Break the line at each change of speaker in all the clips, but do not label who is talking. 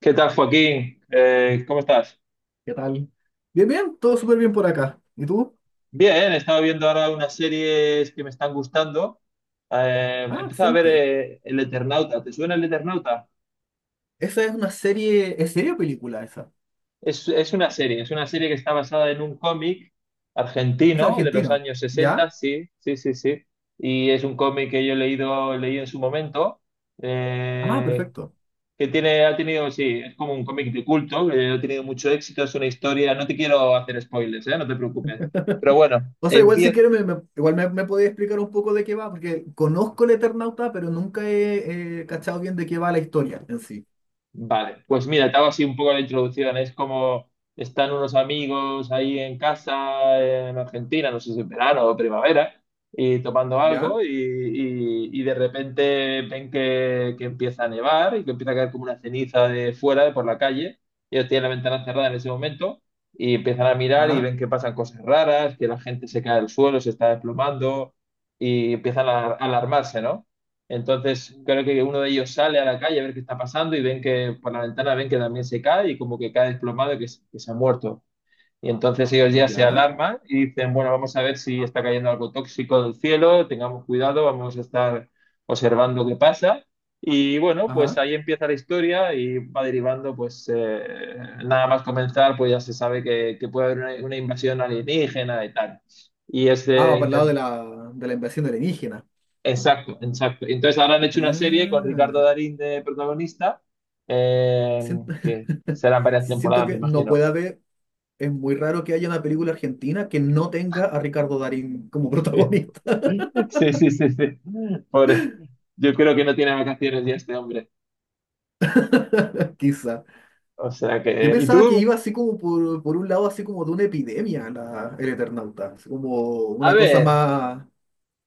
¿Qué tal, Joaquín? ¿Cómo estás?
¿Qué tal? Bien, bien, todo súper bien por acá. ¿Y tú?
Bien, he estado viendo ahora unas series que me están gustando. He
Ah,
empezado a ver
excelente.
El Eternauta. ¿Te suena El Eternauta?
Esa es una serie, ¿es serie o película esa?
Es una serie, es una serie que está basada en un cómic
Es
argentino de los
argentino,
años
¿ya?
60. Sí, sí, sí, sí. Y es un cómic que yo he leído, leí en su momento,
Ah,
eh,
perfecto.
que tiene, ha tenido, sí, es como un cómic de culto, que ha tenido mucho éxito, es una historia, no te quiero hacer spoilers, no te preocupes. Pero bueno,
O sea, igual si
empieza.
quieres, me podés explicar un poco de qué va, porque conozco el Eternauta, pero nunca he cachado bien de qué va la historia en sí.
Vale, pues mira, te hago así un poco la introducción. Es como están unos amigos ahí en casa, en Argentina, no sé si en verano o primavera, y tomando
¿Ya?
algo y de repente ven que empieza a nevar y que empieza a caer como una ceniza de fuera, de por la calle. Ellos tienen la ventana cerrada en ese momento y empiezan a mirar y
Ajá,
ven que pasan cosas raras, que la gente se cae al suelo, se está desplomando y empiezan a alarmarse, ¿no? Entonces, creo que uno de ellos sale a la calle a ver qué está pasando y ven que por la ventana ven que también se cae y como que cae desplomado y que, que se ha muerto. Y entonces ellos ya se
ya,
alarman y dicen, bueno, vamos a ver si está cayendo algo tóxico del cielo, tengamos cuidado, vamos a estar observando qué pasa. Y bueno, pues
ajá.
ahí empieza la historia y va derivando, nada más comenzar, pues ya se sabe que puede haber una invasión alienígena y tal. Y es
Ah, va para
de.
el lado de la invasión alienígena.
Exacto, exacto. Entonces ahora han hecho una serie con
Ah,
Ricardo Darín de protagonista, eh,
siento,
que serán varias
siento
temporadas, me
que no
imagino.
puede haber. Es muy raro que haya una película argentina que no tenga a Ricardo Darín como protagonista,
Sí, sí, sí, sí. Pobre. Yo creo que no tiene vacaciones ya este hombre.
quizá.
O sea
Yo
que... ¿Y
pensaba que
tú?
iba así como por un lado, así como de una epidemia el Eternauta, así como
A
una cosa
ver,
más...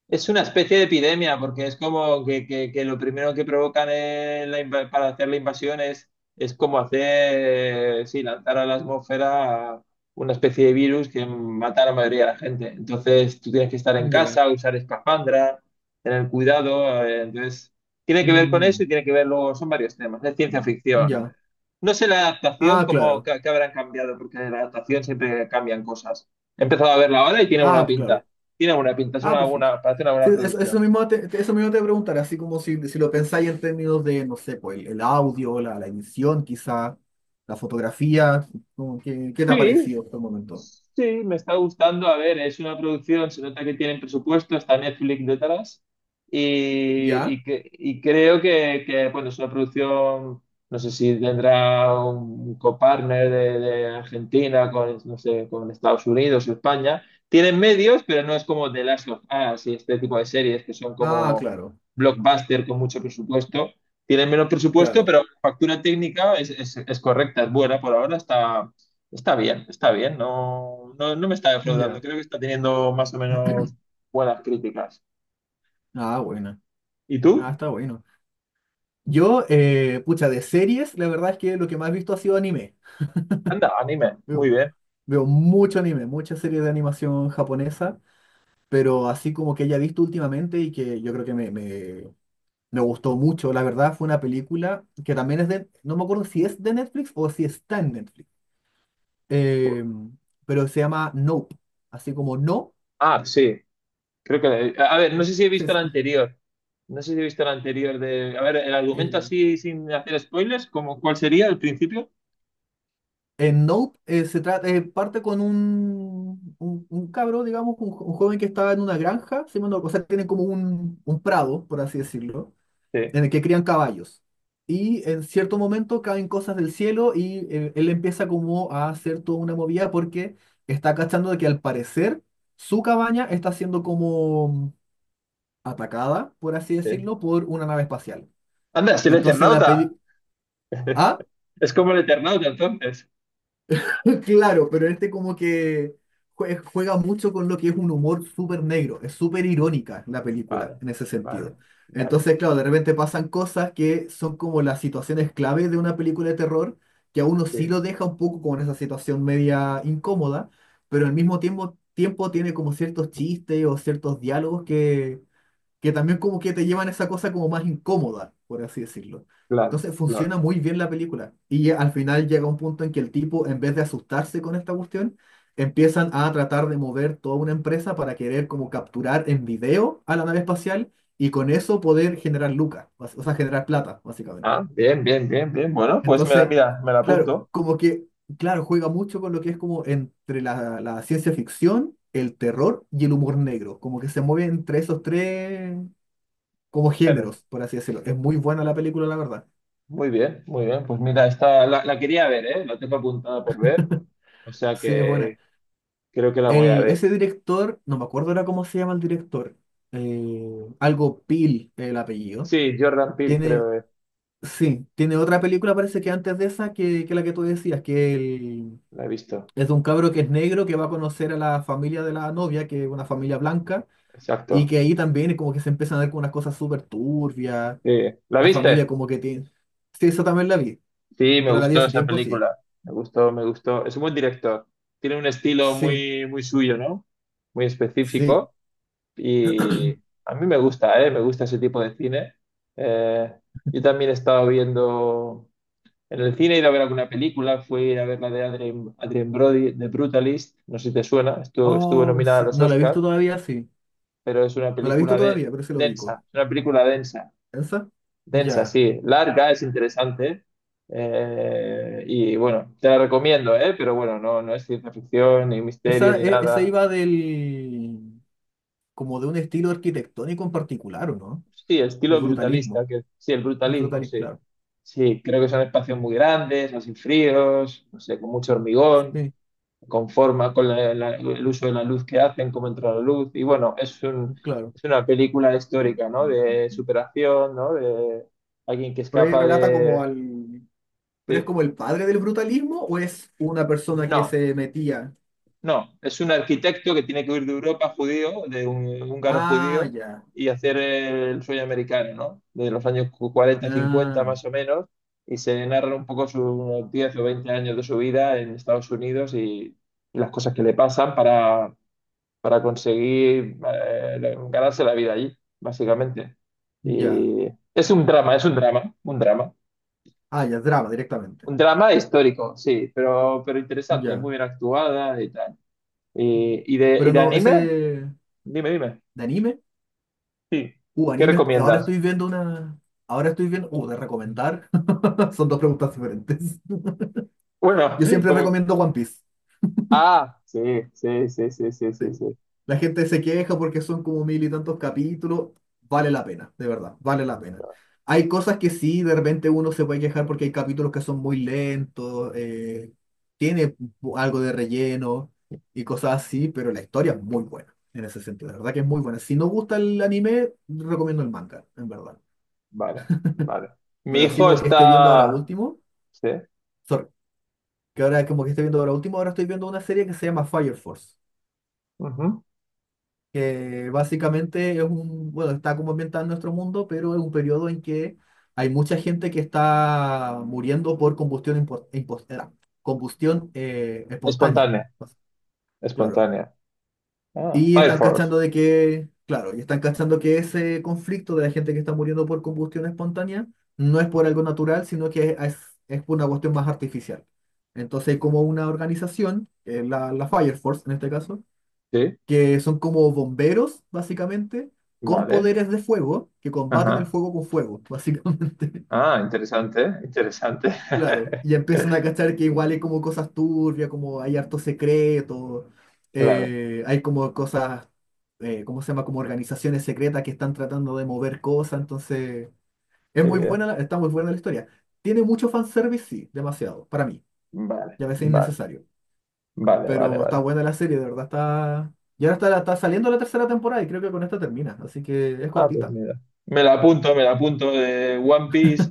es una especie de epidemia, porque es como que, que lo primero que provocan en la inva- para hacer la invasión es como hacer, sí, lanzar a la atmósfera una especie de virus que mata a la mayoría de la gente. Entonces tú tienes que estar en
Ya.
casa, usar espafandra, tener cuidado. Entonces tiene que ver con eso
Mm,
y tiene que ver luego, son varios temas, es ciencia ficción.
ya.
No sé la adaptación,
Ah,
cómo
claro.
que, habrán cambiado, porque en la adaptación siempre cambian cosas. He empezado a verla ahora y tiene buena
Ah, pues
pinta.
claro.
Tiene buena pinta, es
Ah,
una
perfecto.
buena, parece una
Sí,
buena
eso,
producción.
eso mismo te voy a preguntar, así como si, si lo pensáis en términos de, no sé, pues el audio, la edición quizá, la fotografía, como que- ¿qué te ha
Sí,
parecido hasta el momento?
sí, me está gustando. A ver, es una producción, se nota que tienen presupuesto, está Netflix detrás. Y,
Ya.
y, que, y creo que, bueno, es una producción, no sé si tendrá un copartner de Argentina con, no sé, con Estados Unidos o España. Tienen medios, pero no es como The Last of Us y este tipo de series que son
Ah,
como
claro,
blockbuster con mucho presupuesto. Tienen menos presupuesto,
claro.
pero la factura técnica es correcta, es buena por ahora, está. Está bien, no, no, no me está defraudando,
Ya.
creo que está teniendo más o menos buenas críticas.
Ah, buena.
¿Y
Ah,
tú?
está bueno. Yo, pucha, de series, la verdad es que lo que más he visto ha sido anime.
Anda, anime, muy
Veo,
bien.
veo mucho anime, muchas series de animación japonesa, pero así como que haya visto últimamente y que yo creo que me gustó mucho, la verdad, fue una película que también es de, no me acuerdo si es de Netflix o si está en Netflix, eh, pero se llama Nope, así como no,
Ah, sí, creo que... A ver, no sé si he visto
se-
el anterior, no sé si he visto el anterior de... A ver, el argumento
el-
así sin hacer spoilers, ¿cómo cuál sería el principio?
en Nope se trata, parte con un cabro, digamos, un, un joven que estaba en una granja, si mal no- o sea, tienen como un prado, por así decirlo,
Sí,
en el que crían caballos. Y en cierto momento caen cosas del cielo y él empieza como a hacer toda una movida porque está cachando de que al parecer su cabaña está siendo como atacada, por así
sí.
decirlo, por una nave espacial.
Anda, es el
Entonces la
Eternauta,
peli... ¿Ah?
es como el Eternauta entonces.
Claro, pero este como que juega mucho con lo que es un humor súper negro, es súper irónica la película
Vale,
en ese
vale,
sentido.
vale,
Entonces, claro, de repente pasan cosas que son como las situaciones clave de una película de terror, que a uno
sí,
sí lo deja un poco como en esa situación media incómoda, pero al mismo tiempo, tiempo tiene como ciertos chistes o ciertos diálogos que también como que te llevan a esa cosa como más incómoda, por así decirlo.
claro,
Entonces
claro.
funciona muy bien la película. Y al final llega un punto en que el tipo, en vez de asustarse con esta cuestión, empiezan a tratar de mover toda una empresa para querer como capturar en video a la nave espacial y con eso poder generar lucas, o sea, generar plata, básicamente.
Ah, bien, bien, bien, bien, bueno, pues me la,
Entonces,
mira, me la
claro,
apunto.
como que, claro, juega mucho con lo que es como entre la, la ciencia ficción, el terror y el humor negro, como que se mueve entre esos tres, como
Bueno,
géneros, por así decirlo. Es muy buena la película, la verdad.
muy bien, muy bien. Pues mira, esta la, la quería ver, ¿eh? La tengo apuntada por ver, o sea
Sí, es buena.
que creo que la voy a
El,
ver.
ese director, no me acuerdo ahora cómo se llama el director, algo Pil, el apellido.
Sí, Jordan Peele,
Tiene,
creo,
sí, tiene otra película, parece que antes de esa, que la que tú decías,
La he visto.
es de un cabro que es negro que va a conocer a la familia de la novia, que es una familia blanca, y
Exacto.
que ahí también es como que se empiezan a ver con unas cosas súper turbias,
Sí. ¿La
la familia
viste?
como que tiene... Sí, eso también la vi,
Sí, me
pero la vi
gustó
hace
esa
tiempo, sí.
película. Me gustó, me gustó. Es un buen director. Tiene un estilo
Sí,
muy, muy suyo, ¿no? Muy
sí.
específico. Y a mí me gusta, ¿eh? Me gusta ese tipo de cine. Eh, yo también he estado viendo. En el cine he ido a ver alguna película, fui a ver la de Adrien Brody, The Brutalist, no sé si te suena, estuvo, estuvo
Oh,
nominada a
sí.
los
No la he
Oscars,
visto todavía, sí.
pero es una
No la he visto
película de,
todavía, pero sí lo ubico.
densa, es una película densa,
¿Esa?
densa,
Ya.
sí, larga, es interesante, y bueno, te la recomiendo, ¿eh? Pero bueno, no, no es ciencia ficción, ni misterio,
Esa,
ni
esa
nada.
iba del... como de un estilo arquitectónico en particular, ¿o no?
Sí,
El
estilo brutalista,
brutalismo.
que sí, el
El
brutalismo,
brutalismo,
sí.
claro.
Sí, creo que son espacios muy grandes, así fríos, no sé, con mucho hormigón.
Sí,
Conforma con el uso de la luz que hacen, cómo entra la luz. Y bueno,
claro.
es una película histórica, ¿no? De superación, ¿no? De alguien que
Pero ahí
escapa
relata como
de.
al... ¿Pero es
de-
como el padre del brutalismo o es una persona que
No,
se metía?
no. Es un arquitecto que tiene que huir de Europa judío, de un húngaro
Ah,
judío,
ya.
y hacer el sueño americano, ¿no? De los años 40, 50
Ah,
más o menos. Y se narra un poco sus 10 o 20 años de su vida en Estados Unidos y las cosas que le pasan para conseguir ganarse la vida allí, básicamente.
ya.
Y es un drama, un drama.
Ah, ya, drama directamente.
Un drama histórico, sí, pero interesante,
Ya.
muy bien actuada y tal. ¿Y
Pero
de
no,
anime?
ese...
Dime, dime.
¿De anime?
Sí. ¿Qué
Anime, ahora
recomiendas?
estoy viendo una. Ahora estoy viendo. De recomendar. Son dos preguntas diferentes.
Bueno,
Yo siempre
como...
recomiendo One Piece.
Ah, sí, sí, sí, sí, sí, sí,
Sí.
sí.
La gente se queja porque son como mil y tantos capítulos. Vale la pena, de verdad, vale la pena. Hay cosas que sí, de repente uno se puede quejar porque hay capítulos que son muy lentos, tiene algo de relleno y cosas así, pero la historia es muy buena en ese sentido, de verdad que es muy buena. Si no gusta el anime, recomiendo el manga, en verdad.
Vale, vale. Mi
Pero así
hijo
como que esté viendo ahora
está...
último.
Sí.
Que ahora como que estoy viendo, ahora último ahora estoy viendo una serie que se llama Fire Force,
Ujú.
que básicamente es un, bueno, está como ambientada en nuestro mundo, pero es un periodo en que hay mucha gente que está muriendo por combustión, combustión espontánea.
Espontánea,
Claro.
espontánea. Ah,
Y
Fire
están
Force.
cachando de que, claro, y están cachando que ese conflicto de la gente que está muriendo por combustión espontánea no es por algo natural, sino que es por una cuestión más artificial. Entonces hay como una organización, que es la, la Fire Force en este caso,
Sí,
que son como bomberos, básicamente, con
vale.
poderes de fuego, que combaten el
Ajá.
fuego con fuego, básicamente.
Ah, interesante, ¿eh? Interesante.
Claro, y empiezan a cachar que igual hay como cosas turbias, como hay harto secreto,
Claro,
hay como cosas, ¿cómo se llama? Como organizaciones secretas que están tratando de mover cosas, entonces es
qué
muy buena,
bien.
está muy buena la historia. Tiene mucho fanservice, sí, demasiado, para mí,
Vale,
y a veces
vale,
innecesario,
vale, vale,
pero está
vale.
buena la serie, de verdad está... Y ahora está, está saliendo la tercera temporada y creo que con esta termina, así que es
Ah, pues
cortita.
mira. Me la apunto, me la apunto. One Piece,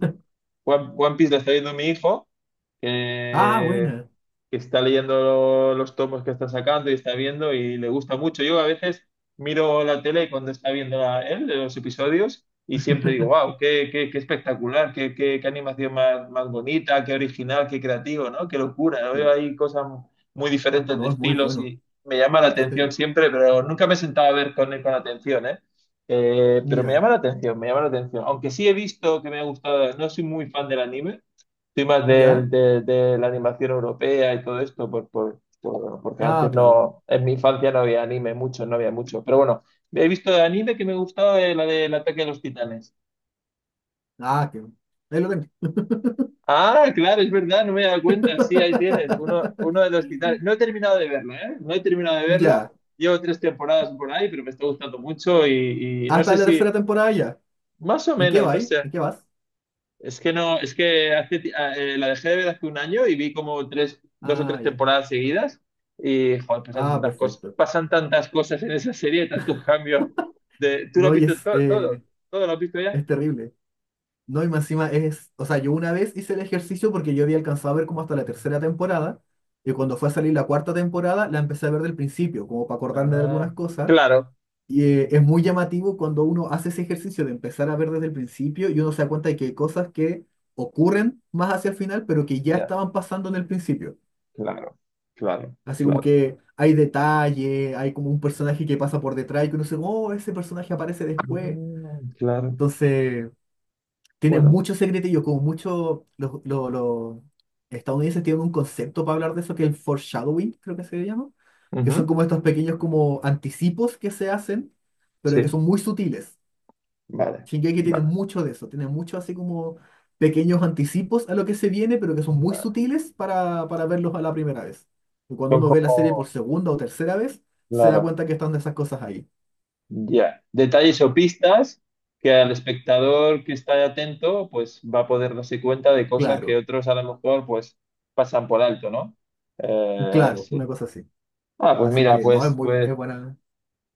One Piece le está viendo mi hijo,
Ah, buena.
que está leyendo los tomos que está sacando y está viendo y le gusta mucho. Yo a veces miro la tele cuando está viendo él los episodios y siempre digo, wow, qué espectacular, qué animación más bonita, qué original, qué creativo, ¿no? Qué locura. Veo
Sí.
ahí cosas muy diferentes de
No, es muy
estilos
bueno.
y me llama la atención
Sí,
siempre, pero nunca me he sentado a ver con él con atención, ¿eh? Pero me
ya,
llama la atención, me llama la atención. Aunque sí he visto que me ha gustado, no soy muy fan del anime, soy más
ya.
de la animación europea y todo esto, porque
Ah,
antes
claro.
no, en mi infancia no había anime mucho, no había mucho. Pero bueno, he visto de anime que me gustaba la del ataque de los titanes.
Ah, qué bueno. Ahí lo tengo.
Ah, claro, es verdad, no me he dado cuenta. Sí, ahí tienes, uno de los titanes. No he terminado de verla, ¿eh? No he terminado de verla.
Ya.
Llevo tres temporadas por ahí, pero me está gustando mucho y no
Hasta
sé
la
si,
tercera temporada ya.
más o
¿En qué
menos,
va
no
ahí?
sé.
¿En qué vas?
Es que no, es que la dejé de ver hace un año y vi como tres, dos o tres
Ah, ya.
temporadas seguidas y joder,
Ah, perfecto.
pasan tantas cosas en esa serie, tantos cambios. ¿Tú lo has
No, y
visto todo? ¿Todo lo has visto ya?
es terrible. No, y más encima es. O sea, yo una vez hice el ejercicio porque yo había alcanzado a ver como hasta la tercera temporada. Y cuando fue a salir la cuarta temporada, la empecé a ver del principio, como para acordarme de
Ah,
algunas cosas.
claro,
Y es muy llamativo cuando uno hace ese ejercicio de empezar a ver desde el principio y uno se da cuenta de que hay cosas que ocurren más hacia el final, pero que ya
ya,
estaban pasando en el principio.
claro, claro,
Así como
claro.
que hay detalle, hay como un personaje que pasa por detrás y que uno dice, oh, ese personaje aparece después.
Mm, claro,
Entonces, tiene
bueno,
muchos secretillos como mucho... Los estadounidenses tienen un concepto para hablar de eso que es el foreshadowing, creo que se llama, que son
ujú,
como estos pequeños como anticipos que se hacen, pero que
sí,
son muy sutiles.
vale,
Shingeki tiene
vale,
mucho de eso, tiene mucho así como pequeños anticipos a lo que se viene, pero que son muy
vale.
sutiles para verlos a la primera vez. Y cuando
Son
uno ve la serie por
como,
segunda o tercera vez, se da
claro.
cuenta que están esas cosas ahí.
Ya, detalles o pistas que al espectador que está atento, pues va a poder darse cuenta de cosas que
Claro,
otros a lo mejor pues pasan por alto, ¿no?
claro, una
Sí.
cosa así.
Ah, pues
Así
mira,
que no, es
pues,
muy
pues
es buena.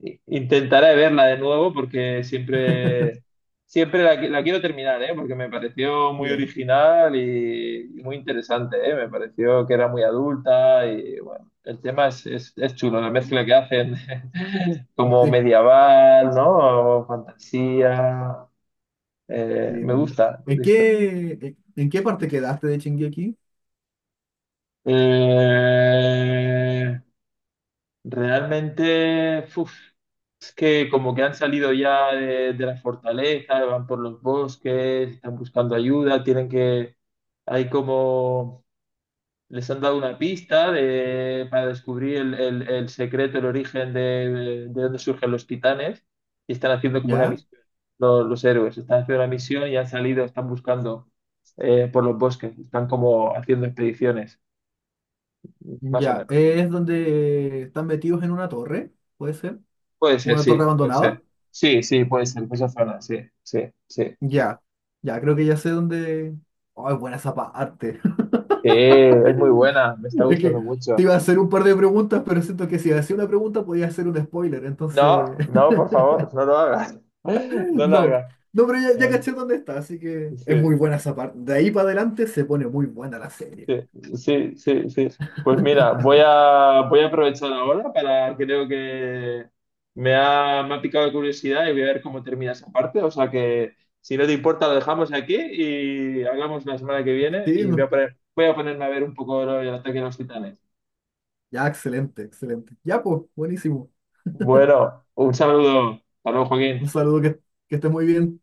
intentaré verla de nuevo porque siempre, siempre la quiero terminar, ¿eh? Porque me pareció muy
Ya,
original y muy interesante, ¿eh? Me pareció que era muy adulta y bueno, el tema es chulo, la mezcla que hacen como
sí, sí,
medieval, ¿no? O fantasía.
es muy
Me
buena.
gusta, listo.
En qué parte quedaste de Shingeki?
Eh, Realmente, uf, es que como que han salido ya de la fortaleza, van por los bosques, están buscando ayuda, tienen que, hay como. Les han dado una pista para descubrir el, el secreto, el origen de dónde surgen los titanes y están haciendo como una
Ya,
misión. Los héroes están haciendo una misión y han salido, están buscando por los bosques, están como haciendo expediciones, más o
ya.
menos.
¿Es donde están metidos en una torre? ¿Puede ser? ¿Una torre
Puede
abandonada?
ser. Sí, sí, puede ser, esa zona, sí, sí, sí.
Ya, ya, creo que ya sé dónde. Oh, es buena esa parte.
Sí, es muy buena, me está
Es
gustando
que te
mucho.
iba a hacer un par de preguntas, pero siento que si hacía una pregunta podía hacer un spoiler,
No,
entonces.
no, por favor, no lo hagas. No lo
No,
hagas.
no, pero ya, ya caché dónde está, así que es muy
Sí.
buena esa parte. De ahí para adelante se pone muy buena la serie.
Sí, sí, sí, sí. Pues mira, voy a aprovechar ahora para, creo que me ha picado la curiosidad y voy a ver cómo termina esa parte. O sea que si no te importa, lo dejamos aquí y hablamos la semana que viene
Sí,
y voy
no.
a poner, voy a ponerme a ver un poco el ataque de los titanes.
Ya, excelente, excelente. Ya, pues, buenísimo.
Bueno, un saludo. Hasta luego, Joaquín.
Un saludo, que estés muy bien.